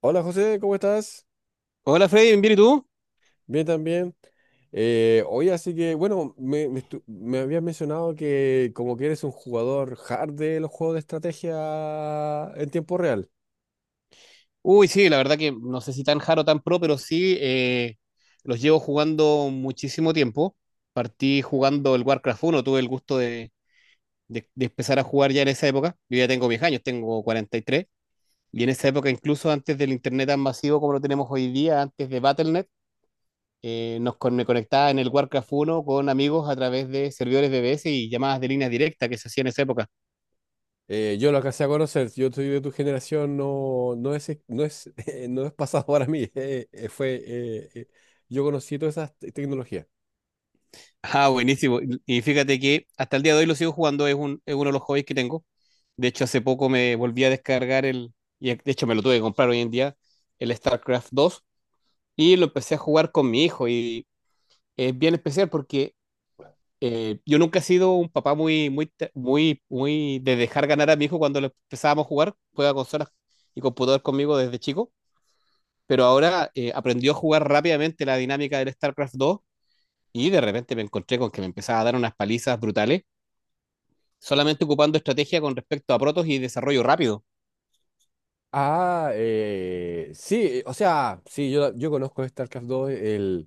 Hola José, ¿cómo estás? Hola Freddy, ¿bien y tú? Bien también. Oye, así que, bueno, me, estu- me habías mencionado que como que eres un jugador hard de los juegos de estrategia en tiempo real. Uy, sí, la verdad que no sé si tan jaro tan pro, pero sí, los llevo jugando muchísimo tiempo. Partí jugando el Warcraft uno. Tuve el gusto de empezar a jugar ya en esa época. Yo ya tengo 10 años, tengo 43. Y tres. Y en esa época, incluso antes del internet tan masivo como lo tenemos hoy día, antes de Battle.net, me conectaba en el Warcraft uno con amigos a través de servidores BBS y llamadas de línea directa que se hacían en esa época. Yo lo alcancé a conocer, yo soy de tu generación, no es, no es pasado para mí. Yo conocí todas esas tecnologías. Ah, buenísimo. Y fíjate que hasta el día de hoy lo sigo jugando, es uno de los hobbies que tengo. De hecho, hace poco me volví a descargar y de hecho me lo tuve que comprar hoy en día, el StarCraft 2, y lo empecé a jugar con mi hijo. Y es bien especial porque yo nunca he sido un papá muy, muy, de dejar ganar a mi hijo cuando lo empezábamos a jugar, juega consolas y computador conmigo desde chico, pero ahora aprendió a jugar rápidamente la dinámica del StarCraft 2 y de repente me encontré con que me empezaba a dar unas palizas brutales solamente ocupando estrategia con respecto a protos y desarrollo rápido. Yo conozco StarCraft 2. eh,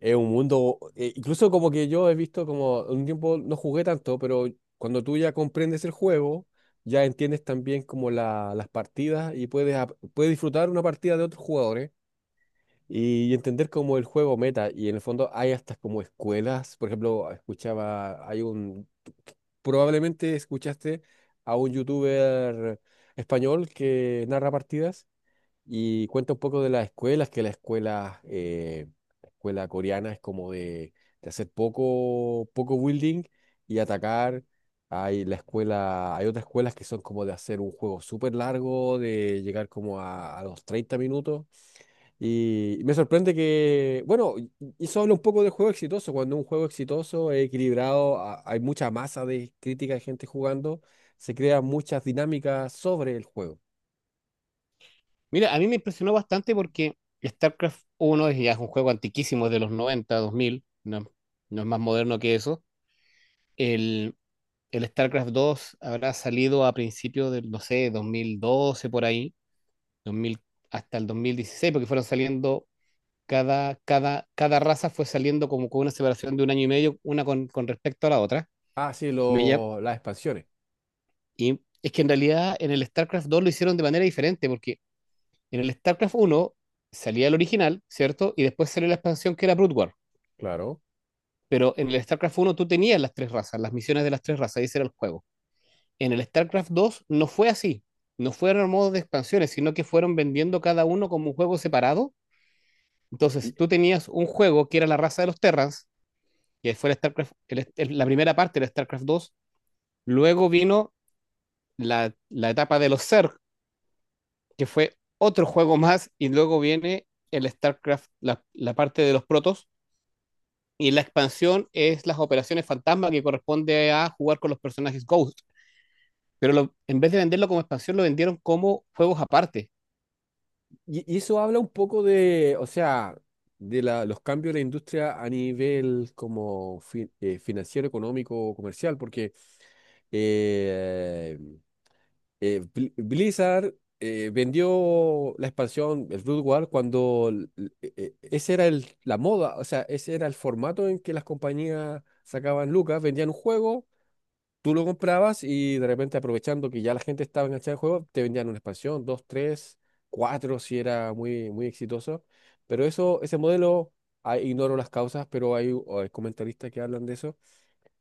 es un mundo. Incluso como que yo he visto como un tiempo no jugué tanto, pero cuando tú ya comprendes el juego, ya entiendes también como las partidas y puedes, puedes disfrutar una partida de otros jugadores y entender como el juego meta. Y en el fondo hay hasta como escuelas. Por ejemplo, escuchaba, probablemente escuchaste a un youtuber español que narra partidas y cuenta un poco de las escuelas, que la escuela coreana es como de hacer poco building y atacar. Hay otras escuelas que son como de hacer un juego súper largo, de llegar como a los 30 minutos. Y me sorprende que, bueno, y eso habla un poco del juego exitoso. Cuando un juego exitoso es equilibrado, hay mucha masa de crítica de gente jugando, se crean muchas dinámicas sobre el juego. Mira, a mí me impresionó bastante porque StarCraft uno es ya es un juego antiquísimo, es de los noventa dos mil. No, no es más moderno que eso. El, el StarCraft dos habrá salido a principios del, no sé, 2012 por ahí, 2000 hasta el 2016 porque fueron saliendo, cada raza fue saliendo como con una separación de un año y medio, una con respecto a la otra. Ah, sí, Me llam- las expansiones. y es que en realidad en el StarCraft dos lo hicieron de manera diferente, porque en el StarCraft uno salía el original, ¿cierto? Y después salió la expansión que era Brood War. Claro. Pero en el StarCraft uno tú tenías las tres razas, las misiones de las tres razas, y ese era el juego. En el StarCraft dos no fue así. No fueron modos de expansiones, sino que fueron vendiendo cada uno como un juego separado. Y, Entonces tú tenías un juego que era la raza de los Terrans, que fue el StarCraft, la primera parte del StarCraft dos. Luego vino la etapa de los Zerg, que fue otro juego más, y luego viene el StarCraft, la parte de los Protoss. Y la expansión es las operaciones fantasma que corresponde a jugar con los personajes Ghost. En vez de venderlo como expansión, lo vendieron como juegos aparte. y eso habla un poco de, o sea, de los cambios de la industria a nivel como financiero, económico, comercial, porque eh, Blizzard vendió la expansión, el Brood War, cuando ese era el, la moda. O sea, ese era el formato en que las compañías sacaban lucas, vendían un juego. Tú lo comprabas y de repente aprovechando que ya la gente estaba enganchada al juego, te vendían una expansión, dos, tres, cuatro, si era muy, muy exitoso. Pero eso, ese modelo, ah, ignoro las causas, pero hay, o hay comentaristas que hablan de eso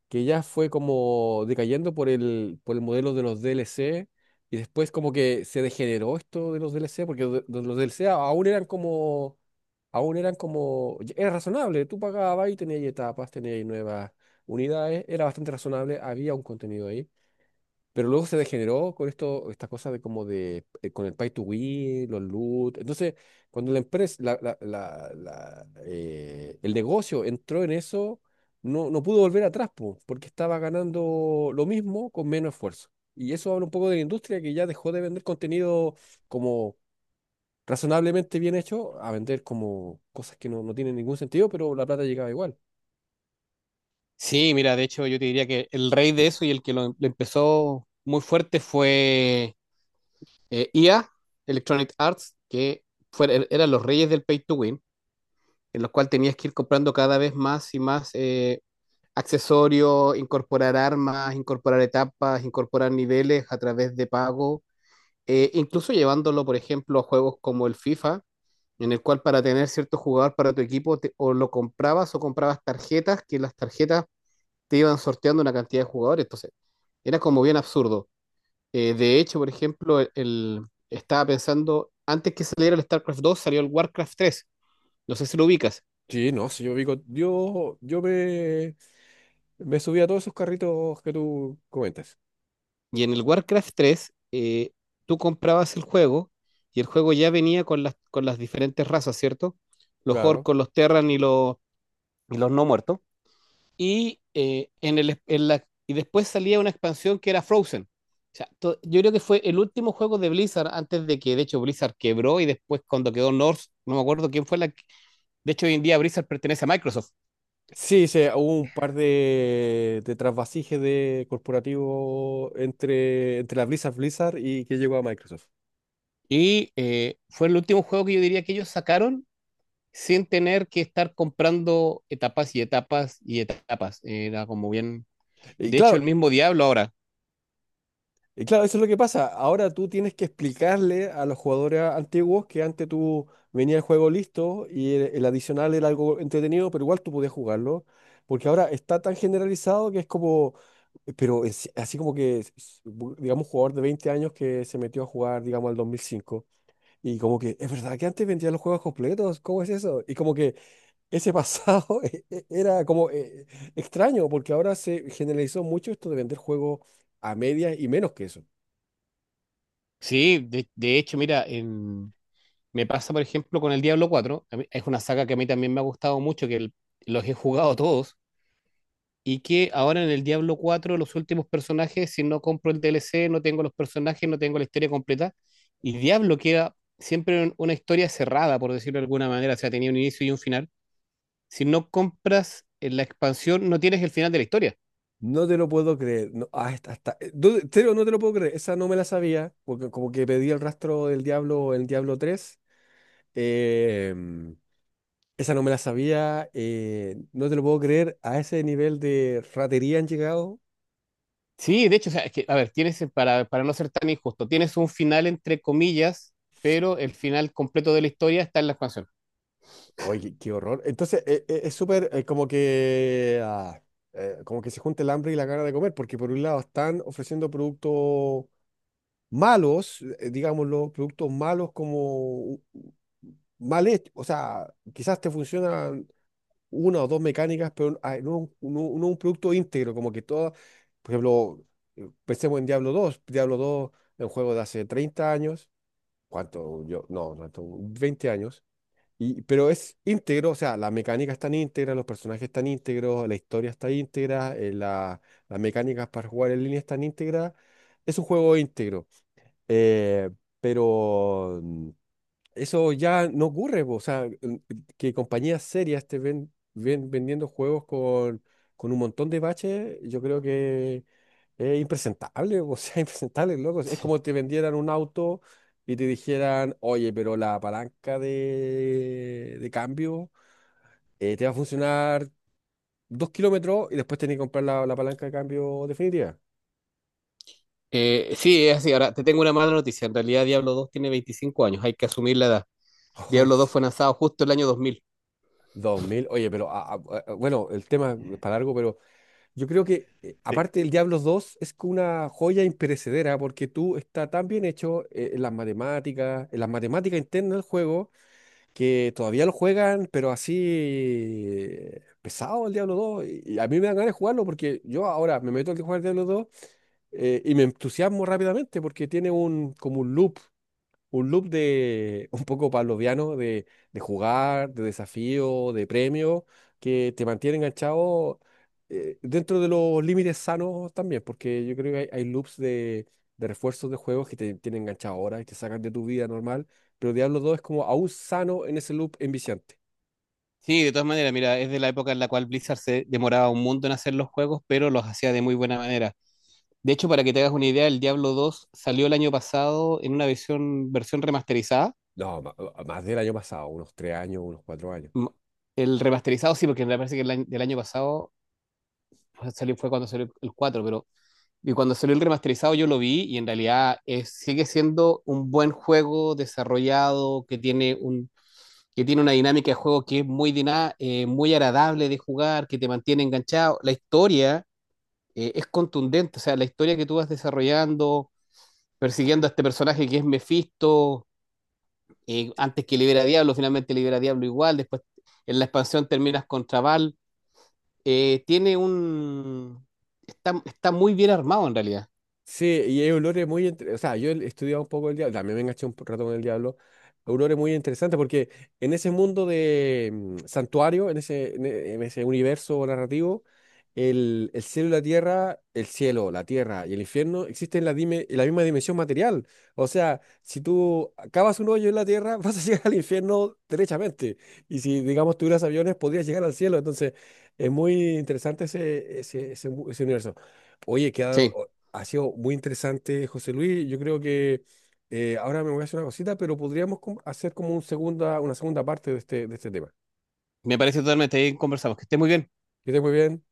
que ya fue como decayendo por el modelo de los DLC, y después como que se degeneró esto de los DLC, porque de los DLC aún eran como, era razonable, tú pagabas y tenías ahí etapas, tenías ahí nuevas unidades, era bastante razonable, había un contenido ahí. Pero luego se degeneró con esto, esta cosa de como de, con el pay to win, los loot. Entonces, cuando la empresa, el negocio entró en eso, no pudo volver atrás, po, porque estaba ganando lo mismo con menos esfuerzo. Y eso habla un poco de la industria que ya dejó de vender contenido como razonablemente bien hecho a vender como cosas que no tienen ningún sentido, pero la plata llegaba igual. Sí, mira, de hecho yo te diría que el rey de eso y el que lo empezó muy fuerte fue, EA, Electronic Arts, que eran los reyes del pay to win, en los cuales tenías que ir comprando cada vez más y más accesorios, incorporar armas, incorporar etapas, incorporar niveles a través de pago. Incluso llevándolo, por ejemplo, a juegos como el FIFA, en el cual para tener cierto jugador para tu equipo, o lo comprabas o comprabas tarjetas, que las tarjetas te iban sorteando una cantidad de jugadores. Entonces, era como bien absurdo. De hecho, por ejemplo, estaba pensando, antes que saliera el StarCraft dos salió el WarCraft tres. No sé si lo ubicas. Sí, no, si yo vi me subí a todos esos carritos que tú comentas. Y en el WarCraft tres, tú comprabas el juego y el juego ya venía con las diferentes razas, ¿cierto? Los Claro. orcos, los terran y los no muertos. Y, en el, en la, y después salía una expansión que era Frozen. O sea, yo creo que fue el último juego de Blizzard antes de que, de hecho, Blizzard quebró y después cuando quedó North, no me acuerdo quién fue la. De hecho, hoy en día Blizzard pertenece a Microsoft. Sí, sí, hubo un par de trasvasijes de corporativo entre, entre la Blizzard y que llegó a Microsoft. Y, fue el último juego que yo diría que ellos sacaron sin tener que estar comprando etapas y etapas y etapas. Era como bien... Y De hecho, el claro, mismo Diablo ahora. Y claro, eso es lo que pasa. Ahora tú tienes que explicarle a los jugadores antiguos que antes tú venía el juego listo y el adicional era algo entretenido, pero igual tú podías jugarlo, porque ahora está tan generalizado que es como, pero es así como que, digamos, un jugador de 20 años que se metió a jugar, digamos, al 2005 y como que, es verdad que antes vendían los juegos completos. ¿Cómo es eso? Y como que ese pasado era como extraño, porque ahora se generalizó mucho esto de vender juegos a medias y menos que eso. Sí, de hecho, mira, me pasa, por ejemplo, con el Diablo 4. Es una saga que a mí también me ha gustado mucho, los he jugado todos. Y que ahora en el Diablo 4, los últimos personajes, si no compro el DLC, no tengo los personajes, no tengo la historia completa. Y Diablo queda siempre en una historia cerrada, por decirlo de alguna manera. O sea, tenía un inicio y un final. Si no compras, la expansión, no tienes el final de la historia. No te lo puedo creer. No, ah, está, está. No, en serio, no te lo puedo creer. Esa no me la sabía, porque como que pedí el rastro del diablo el Diablo tres, em, esa no me la sabía. No te lo puedo creer. A ese nivel de ratería han llegado. Sí, de hecho, o sea, es que, a ver, tienes, para no ser tan injusto, tienes un final entre comillas, pero el final completo de la historia está en la expansión. Oye, qué, qué horror. Entonces, es súper como que ah, como que se junta el hambre y la gana de comer, porque por un lado están ofreciendo productos malos. Digámoslo, productos malos como mal hecho. O sea, quizás te funcionan una o dos mecánicas, pero ah, no, no un producto íntegro, como que todo, por ejemplo, pensemos en Diablo dos es un juego de hace 30 años. ¿Cuánto? Yo, no, 20 años, y, pero es íntegro. O sea, las mecánicas están íntegras, los personajes están íntegros, la historia está íntegra, las mecánicas para jugar en línea están íntegras, es un juego íntegro. Eh, pero eso ya no ocurre, po. O sea, que compañías serias te ven vendiendo juegos con un montón de baches, yo creo que es impresentable, po. O sea, impresentable, loco. Es como te vendieran un auto y te dijeran, oye, pero la palanca de cambio te va a funcionar 2 kilómetros y después tenés que comprar la palanca de cambio definitiva. Sí, es así. Ahora, te tengo una mala noticia. En realidad, Diablo 2 tiene 25 años. Hay que asumir la edad. Diablo 2 fue lanzado justo el año 2000. Dos mil, oye, pero ah, ah, ah, bueno, el tema es para largo, pero yo creo que, Sí. aparte del Diablos 2, es que una joya imperecedera porque tú está tan bien hecho en las matemáticas internas del juego, que todavía lo juegan, pero así pesado el Diablo 2. Y a mí me dan ganas de jugarlo porque yo ahora me meto a jugar Diablo 2, y me entusiasmo rápidamente porque tiene un, como un loop de un poco pavloviano de jugar, de desafío, de premio, que te mantiene enganchado dentro de los límites sanos también, porque yo creo que hay loops de refuerzos de juegos que te tienen enganchado ahora y te sacan de tu vida normal, pero Diablo dos es como aún sano en ese loop enviciante. Sí, de todas maneras, mira, es de la época en la cual Blizzard se demoraba un mundo en hacer los juegos, pero los hacía de muy buena manera. De hecho, para que te hagas una idea, el Diablo 2 salió el año pasado en una versión, versión remasterizada. No, más del año pasado, unos tres años, unos cuatro años. M- El remasterizado sí, porque me parece que el año, del año pasado pues, salió, fue cuando salió el 4, pero y cuando salió el remasterizado yo lo vi y en realidad sigue siendo un buen juego desarrollado que tiene un, que tiene una dinámica de juego que es muy, muy agradable de jugar, que te mantiene enganchado. La historia, es contundente, o sea, la historia que tú vas desarrollando, persiguiendo a este personaje que es Mephisto, antes que libera a Diablo, finalmente libera a Diablo igual, después en la expansión terminas contra Val, tiene un... Está, está muy bien armado en realidad. Sí, y hay olores muy... O sea, yo he estudiado un poco el diablo, también me enganché un rato con el diablo. Olores muy interesantes porque en ese mundo de santuario, en ese, en en ese universo narrativo, el cielo y la tierra, el cielo, la tierra y el infierno existen en la, en la misma dimensión material. O sea, si tú cavas un hoyo en la tierra, vas a llegar al infierno derechamente. Y si, digamos, tuvieras aviones, podrías llegar al cielo. Entonces, es muy interesante ese, ese, ese universo. Oye, Sí. Ha sido muy interesante, José Luis. Yo creo que ahora me voy a hacer una cosita, pero podríamos hacer como un una segunda parte de este tema. Me parece totalmente. Ahí conversamos. Que esté muy bien. Que estés muy bien.